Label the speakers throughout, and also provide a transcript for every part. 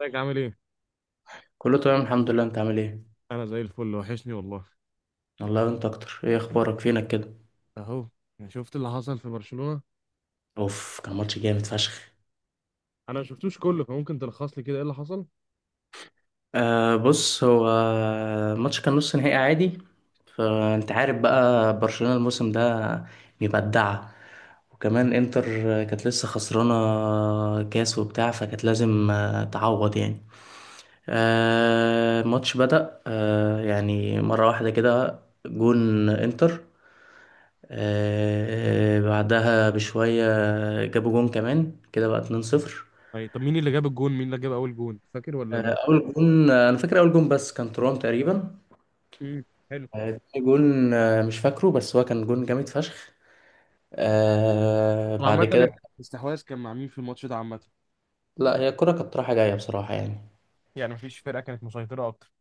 Speaker 1: ازيك عامل ايه؟
Speaker 2: كله تمام الحمد لله، انت عامل ايه؟
Speaker 1: انا زي الفل وحشني والله.
Speaker 2: والله انت اكتر. ايه اخبارك، فينك كده؟
Speaker 1: اهو. يعني شفت اللي حصل في برشلونة.
Speaker 2: اوف، كان ماتش جامد فشخ.
Speaker 1: انا ما شفتوش كله، فممكن تلخص لي كده ايه اللي حصل؟
Speaker 2: بص هو الماتش كان نص نهائي عادي. فانت عارف بقى برشلونة الموسم ده مبدعة، وكمان انتر كانت لسه خسرانة كاس وبتاع، فكانت لازم تعوض يعني. الماتش بدأ يعني مرة واحدة كده جون انتر. بعدها بشوية جابوا جون كمان كده بقى 2-0.
Speaker 1: أي، طب مين اللي جاب الجون؟ مين اللي جاب اول جون؟ فاكر ولا لا؟
Speaker 2: أول جون أنا فاكر أول جون بس كان ترام تقريبا.
Speaker 1: امم. حلو.
Speaker 2: تاني جون مش فاكره، بس هو كان جون جامد فشخ.
Speaker 1: طب
Speaker 2: بعد
Speaker 1: عامة
Speaker 2: كده،
Speaker 1: الاستحواذ كان مع مين في الماتش ده عامة؟
Speaker 2: لا هي الكرة كانت رايحة جاية بصراحة يعني.
Speaker 1: يعني مفيش فرقة كانت مسيطرة أكتر.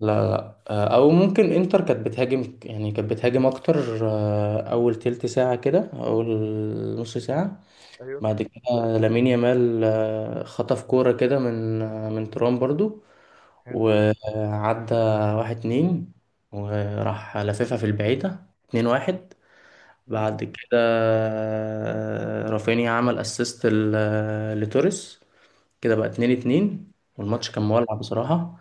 Speaker 2: لا لا، أو ممكن إنتر كانت بتهاجم، يعني كانت بتهاجم أكتر أول تلت ساعة، كده أول نص ساعة.
Speaker 1: ايوه.
Speaker 2: بعد كده لامين يامال خطف كورة كده من ترام برضو،
Speaker 1: حلو.
Speaker 2: وعدى واحد اتنين، وراح لففها في البعيدة اتنين واحد.
Speaker 1: امم.
Speaker 2: بعد كده رافينيا عمل اسيست لتوريس، كده بقى اتنين اتنين، والماتش كان مولع بصراحة.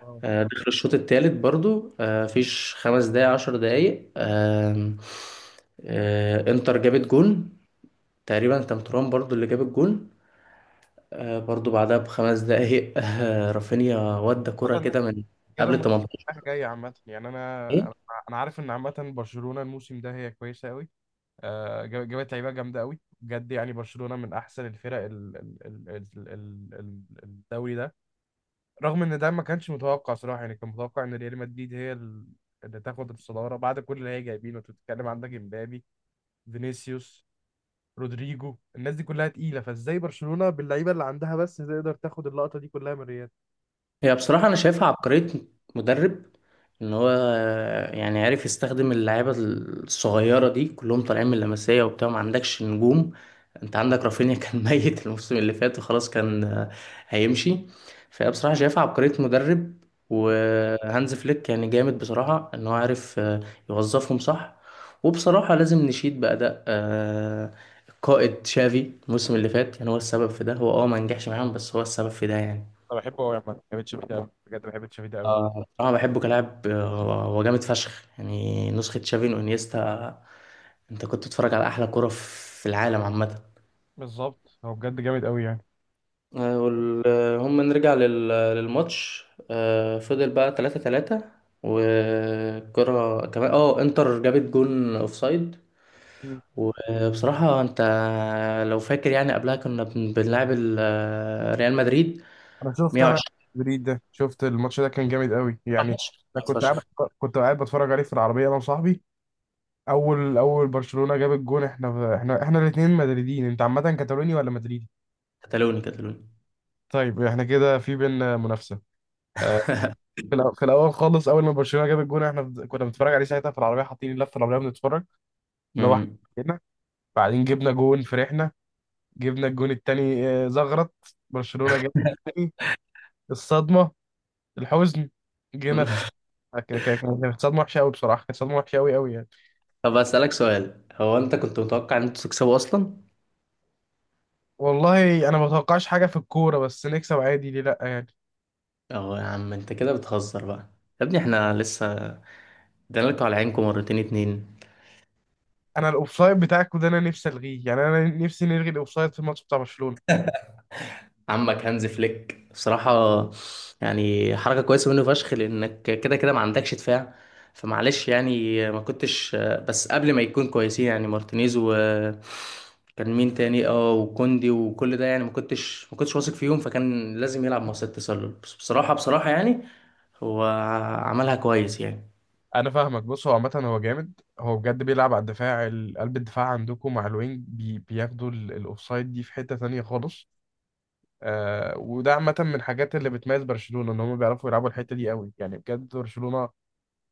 Speaker 1: اه.
Speaker 2: دخل الشوط التالت برضو، فيش خمس دقايق عشر دقايق، آم، آه، انتر جابت جون، تقريبا كان ترام برضو اللي جاب الجون. برضو بعدها بخمس دقايق رافينيا ودى كرة
Speaker 1: عامة ده
Speaker 2: كده من
Speaker 1: كده
Speaker 2: قبل
Speaker 1: الماتش
Speaker 2: 18.
Speaker 1: رايح جاي عامة، يعني أنا عارف إن عامة برشلونة الموسم ده هي كويسة أوي، جابت لعيبه جامده قوي بجد، يعني برشلونه من احسن الفرق الدوري ده، رغم ان ده ما كانش متوقع صراحه. يعني كان متوقع ان ريال مدريد هي اللي تاخد الصداره بعد كل اللي هي جايبينه. انت بتتكلم عندك امبابي، فينيسيوس، رودريجو، الناس دي كلها تقيله، فازاي برشلونه باللعيبه اللي عندها بس تقدر تاخد اللقطه دي كلها من ريال؟
Speaker 2: هي بصراحة أنا شايفها عبقرية مدرب، إن هو يعني عارف يستخدم اللعيبة الصغيرة دي، كلهم طالعين من اللمسية وبتاع، ما عندكش نجوم. أنت عندك رافينيا كان ميت الموسم اللي فات وخلاص كان هيمشي. فهي بصراحة شايفها عبقرية مدرب. وهانز فليك يعني جامد بصراحة، إن هو عارف يوظفهم صح. وبصراحة لازم نشيد بأداء القائد شافي الموسم اللي فات. يعني هو السبب في ده، هو اه ما نجحش معاهم، بس هو السبب في ده يعني.
Speaker 1: انا بحبه قوي يا عم، بحب تشافي ده قوي، بجد بحب تشافي ده قوي.
Speaker 2: اه بصراحة بحبه كلاعب، هو جامد فشخ، يعني نسخة تشافي وانيستا. انت كنت بتتفرج على احلى كرة في العالم عامة.
Speaker 1: بالظبط، هو بجد جامد قوي يعني.
Speaker 2: هم نرجع للماتش. فضل بقى 3 3، والكرة كمان اه انتر جابت جون اوفسايد. وبصراحة انت لو فاكر يعني قبلها كنا بنلعب ريال مدريد
Speaker 1: انا شفت، انا
Speaker 2: 120.
Speaker 1: بريد ده شفت الماتش ده، كان جامد قوي يعني.
Speaker 2: ماتش
Speaker 1: انا
Speaker 2: جامد
Speaker 1: كنت قاعد
Speaker 2: فشخ.
Speaker 1: كنت قاعد بتفرج عليه في العربيه انا وصاحبي. اول برشلونه جاب الجون، احنا الاثنين مدريدين. انت عامه كاتالوني ولا مدريدي؟
Speaker 2: كتالوني كتالوني.
Speaker 1: طيب احنا كده في بينا منافسه. آه، في الاول خالص، اول ما برشلونه جاب الجون احنا، كنا بنتفرج عليه ساعتها في العربيه، حاطين اللفه العربيه بنتفرج، اللي هو
Speaker 2: مم.
Speaker 1: كده. بعدين جبنا جون، فرحنا، جبنا الجون الثاني، زغرت. برشلونه جاب التاني. الصدمه، الحزن، جينا. كانت صدمة وحشة أوي بصراحة، كانت صدمة وحشة أوي أوي يعني.
Speaker 2: طب أسألك سؤال، هو أنت كنت متوقع إن أنتوا تكسبوا أصلا؟
Speaker 1: والله أنا ما بتوقعش حاجة في الكورة، بس نكسب عادي ليه لأ يعني.
Speaker 2: أهو يا عم أنت كده بتهزر بقى. يا ابني إحنا لسه ادينا لكم على عينكم مرتين اتنين.
Speaker 1: أنا الأوفسايد بتاعكوا ده أنا نفسي ألغيه، يعني أنا نفسي نلغي الأوفسايد في الماتش بتاع برشلونة.
Speaker 2: عمك هانز فليك بصراحة، يعني حركة كويسة منه فشخ، لأنك كده كده ما عندكش دفاع. فمعلش يعني ما كنتش، بس قبل ما يكون كويسين يعني مارتينيز و كان مين تاني اه وكوندي وكل ده يعني ما كنتش واثق فيهم، فكان لازم يلعب مع ست تسلل. بس بصراحة بصراحة يعني هو عملها كويس يعني.
Speaker 1: أنا فاهمك، بص هو عامة هو جامد. هو بجد بيلعب على الدفاع، قلب الدفاع عندكم مع الوينج بي بياخدوا الأوفسايد دي في حتة تانية خالص. آه، وده عامة من الحاجات اللي بتميز برشلونة، إن هم بيعرفوا يلعبوا الحتة دي أوي يعني، بجد برشلونة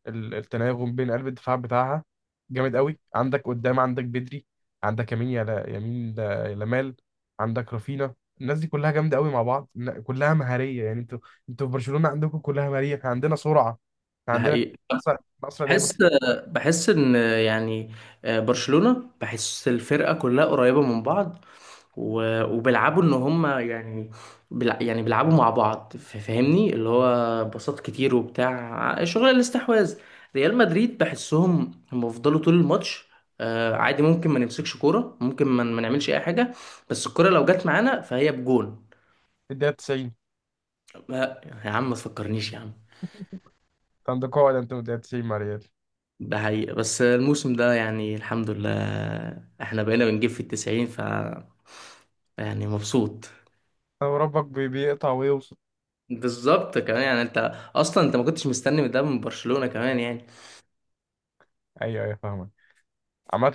Speaker 1: التناغم بين قلب الدفاع بتاعها جامد قوي. عندك قدام عندك بدري، عندك يمين يا يمين لمال، عندك رافينا، الناس دي كلها جامده قوي مع بعض كلها مهاريه يعني. انتوا في برشلونه عندكم كلها مهاريه، احنا عندنا سرعه، احنا
Speaker 2: ده
Speaker 1: عندنا
Speaker 2: حقيقي.
Speaker 1: اسرع اسرع لعيبه
Speaker 2: بحس بحس ان يعني برشلونة بحس الفرقة كلها قريبة من بعض، وبيلعبوا ان هم يعني يعني بيلعبوا مع بعض. فاهمني، اللي هو باصات كتير وبتاع شغل الاستحواذ. ريال مدريد بحسهم هم فضلوا طول الماتش عادي، ممكن ما نمسكش كورة، ممكن ما نعملش اي حاجة، بس الكورة لو جت معانا فهي بجون.
Speaker 1: في الدقيقه 90.
Speaker 2: يا عم ما تفكرنيش يا عم.
Speaker 1: انت عندك قاعده، انت في الدقيقه 90 مع ريال.
Speaker 2: ده حقيقة، بس الموسم ده يعني الحمد لله احنا بقينا بنجيب في التسعين، ف يعني مبسوط.
Speaker 1: طب ربك بيقطع ويوصل.
Speaker 2: بالظبط، كمان يعني انت اصلا انت ما كنتش مستني من ده من برشلونة كمان يعني.
Speaker 1: ايوه ايوه فاهمك. عامة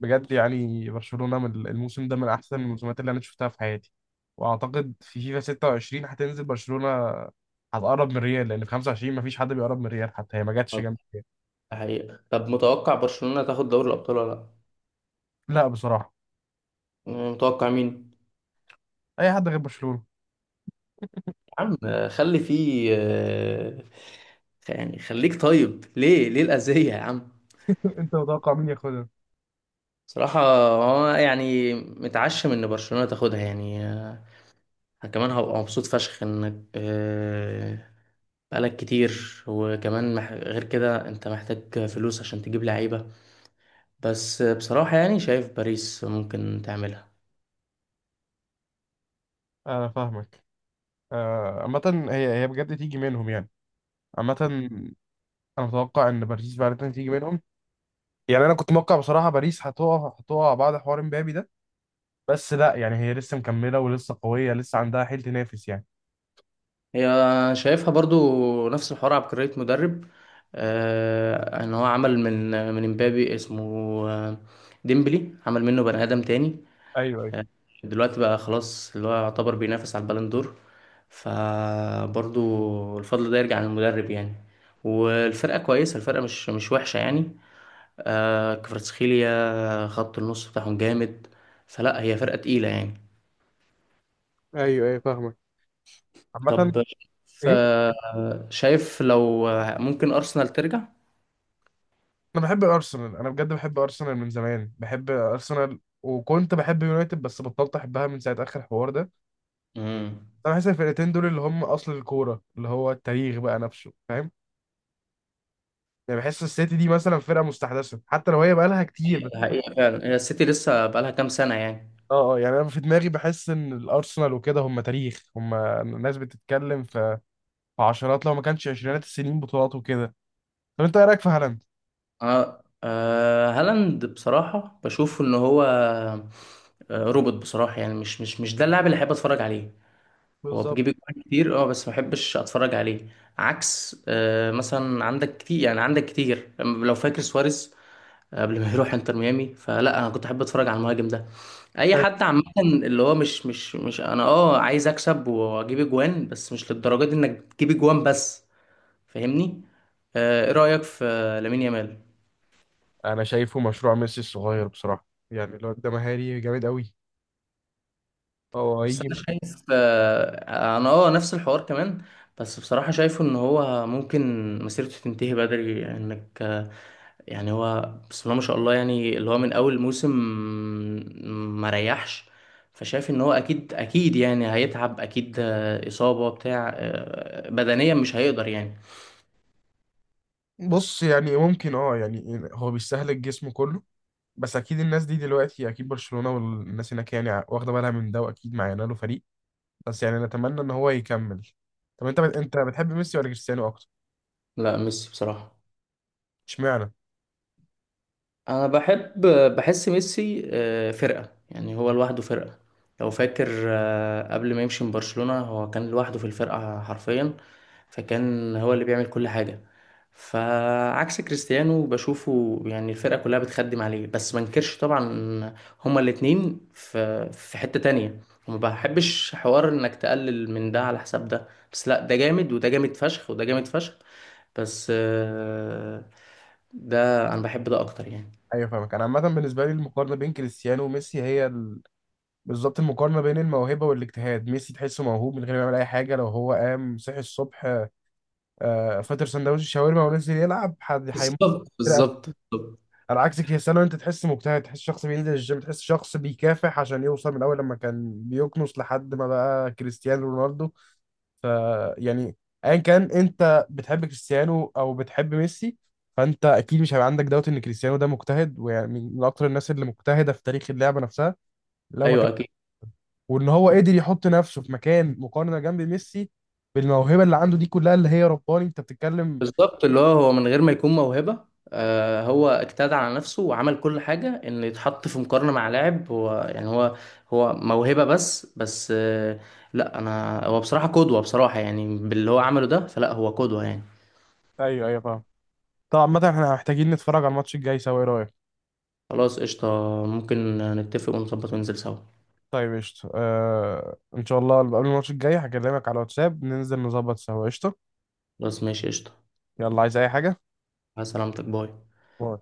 Speaker 1: بجد يعني برشلونة من الموسم ده من أحسن الموسمات اللي أنا شفتها في حياتي، وأعتقد في فيفا 26 هتنزل برشلونة، هتقرب من ريال، لأن في 25 مفيش حد بيقرب من ريال حتى، هي ما جاتش جنب.
Speaker 2: ده حقيقة. طب متوقع برشلونة تاخد دوري الابطال ولا لا؟
Speaker 1: لا بصراحة.
Speaker 2: متوقع مين؟
Speaker 1: أي حد غير برشلونة.
Speaker 2: يا عم خلي فيه يعني خليك طيب، ليه ليه الأذية يا عم؟
Speaker 1: أنت متوقع مين ياخدها؟
Speaker 2: صراحة هو يعني متعشم ان برشلونة تاخدها يعني، كمان هبقى مبسوط فشخ انك بقالك كتير. وكمان مح... غير كده انت محتاج فلوس عشان تجيب لعيبة. بس بصراحة يعني شايف باريس ممكن تعملها.
Speaker 1: أنا فاهمك. آه، عامة، هي بجد تيجي منهم يعني. عامة أنا متوقع إن باريس فعلا تيجي منهم. يعني أنا كنت متوقع بصراحة باريس هتقع بعد حوار مبابي ده، بس لا، يعني هي لسه مكملة ولسه قوية، لسه عندها حيل تنافس يعني.
Speaker 2: هي شايفها برضو نفس الحوار، عبقرية مدرب. آه ان هو عمل من امبابي اسمه آه، ديمبلي، عمل منه بني ادم تاني.
Speaker 1: ايوه
Speaker 2: دلوقتي بقى خلاص اللي هو يعتبر بينافس على البالون دور. فبرضو الفضل ده يرجع للمدرب يعني. والفرقة كويسة، الفرقة مش وحشة يعني. آه كفرتسخيليا خط النص بتاعهم جامد، فلا هي فرقة تقيلة يعني.
Speaker 1: ايوه ايوه فاهمك. عامة
Speaker 2: طب ف-
Speaker 1: ايه؟
Speaker 2: شايف لو ممكن أرسنال ترجع؟
Speaker 1: انا بحب ارسنال، انا بجد بحب ارسنال من زمان، بحب ارسنال، وكنت بحب يونايتد بس بطلت احبها من ساعة اخر الحوار ده.
Speaker 2: امم.
Speaker 1: انا بحس الفرقتين دول اللي هم اصل الكورة، اللي هو التاريخ بقى نفسه، فاهم؟ يعني بحس السيتي دي مثلا فرقة مستحدثة حتى لو هي بقالها كتير بس.
Speaker 2: حقيقة فعلا هي السيتي لسه بقالها كام سنة يعني.
Speaker 1: اه اه، يعني انا في دماغي بحس ان الارسنال وكده هم تاريخ، هم ناس بتتكلم في عشرات، لو ما كانش عشرينات السنين، بطولات وكده. طب انت ايه رايك في هالاند؟
Speaker 2: اه هالاند بصراحة بشوف ان هو روبوت بصراحة، يعني مش ده اللاعب اللي أحب أتفرج عليه. هو
Speaker 1: بالظبط.
Speaker 2: بيجيب أجوان كتير، أه بس ما بحبش أتفرج عليه. عكس مثلا عندك كتير، يعني عندك كتير لو فاكر سواريز قبل ما يروح انتر ميامي، فلا انا كنت احب اتفرج على المهاجم ده. اي حد عامه اللي هو مش انا اه عايز اكسب واجيب اجوان بس مش للدرجه دي انك تجيب اجوان بس، فاهمني. ايه رايك في لامين يامال؟
Speaker 1: انا شايفه مشروع ميسي الصغير بصراحه، يعني الواد ده مهاري جامد قوي، هو
Speaker 2: بس
Speaker 1: هيجي.
Speaker 2: انا شايف انا اه نفس الحوار كمان. بس بصراحة شايفه ان هو ممكن مسيرته تنتهي بدري، يعني انك يعني هو بسم الله ما شاء الله يعني اللي هو من اول موسم ما ريحش. فشايف ان هو اكيد اكيد يعني هيتعب اكيد اصابة بتاع بدنيا مش هيقدر يعني.
Speaker 1: بص يعني ممكن، يعني هو بيستهلك جسمه كله، بس اكيد الناس دي دلوقتي، اكيد برشلونه والناس هناك يعني واخده بالها من ده، واكيد معانا له فريق، بس يعني نتمنى ان هو يكمل. طب انت بتحب ميسي ولا كريستيانو اكتر؟
Speaker 2: لا ميسي بصراحة.
Speaker 1: اشمعنى؟
Speaker 2: انا بحب، بحس ميسي فرقة، يعني هو لوحده فرقة. لو فاكر قبل ما يمشي من برشلونة هو كان لوحده في الفرقة حرفيا، فكان هو اللي بيعمل كل حاجة. فعكس كريستيانو بشوفه يعني الفرقة كلها بتخدم عليه، بس ما انكرش طبعا هما الاتنين في حتة تانية. وما بحبش حوار انك تقلل من ده على حساب ده، بس لا ده جامد، وده جامد فشخ، وده جامد فشخ. بس ده انا بحب ده اكتر يعني.
Speaker 1: ايوه فاهمك، انا عامه بالنسبه لي المقارنه بين كريستيانو وميسي هي. بالظبط المقارنه بين الموهبه والاجتهاد. ميسي تحسه موهوب من غير ما يعمل اي حاجه، لو هو قام صحي الصبح، فطر سندوتش الشاورما ونزل يلعب حد هيموت.
Speaker 2: بالظبط بالظبط بالظبط.
Speaker 1: على عكس كريستيانو، انت تحس مجتهد، تحس شخص بينزل الجيم، تحس شخص بيكافح عشان يوصل، من الاول لما كان بيكنس لحد ما بقى كريستيانو رونالدو. ف، يعني، ايا كان انت بتحب كريستيانو او بتحب ميسي، فانت اكيد مش هيبقى عندك دوت ان كريستيانو ده مجتهد، ويعني من اكتر الناس اللي مجتهده في تاريخ اللعبه نفسها، لو ما
Speaker 2: ايوه
Speaker 1: كان،
Speaker 2: اكيد.
Speaker 1: وان هو قدر يحط نفسه في مكان مقارنه جنب ميسي بالموهبه اللي عنده دي كلها اللي هي رباني، انت بتتكلم.
Speaker 2: بالظبط اللي هو هو من غير ما يكون موهبه، آه هو اجتهد على نفسه وعمل كل حاجه ان يتحط في مقارنه مع لاعب هو يعني هو موهبه. بس بس آه لا انا هو بصراحه قدوه، بصراحه يعني باللي هو عمله ده، فلا هو قدوه يعني.
Speaker 1: ايوه ايوه فاهم. طبعا عامة احنا محتاجين نتفرج على الماتش الجاي سوا، ايه رأيك؟
Speaker 2: خلاص قشطه. ممكن نتفق ونظبط وننزل سوا.
Speaker 1: طيب قشطة. آه، ان شاء الله قبل الماتش الجاي هكلمك على الواتساب، ننزل نظبط سوا. قشطة.
Speaker 2: خلاص ماشي قشطه.
Speaker 1: يلا عايز اي حاجة؟
Speaker 2: على سلامتك باي.
Speaker 1: باي.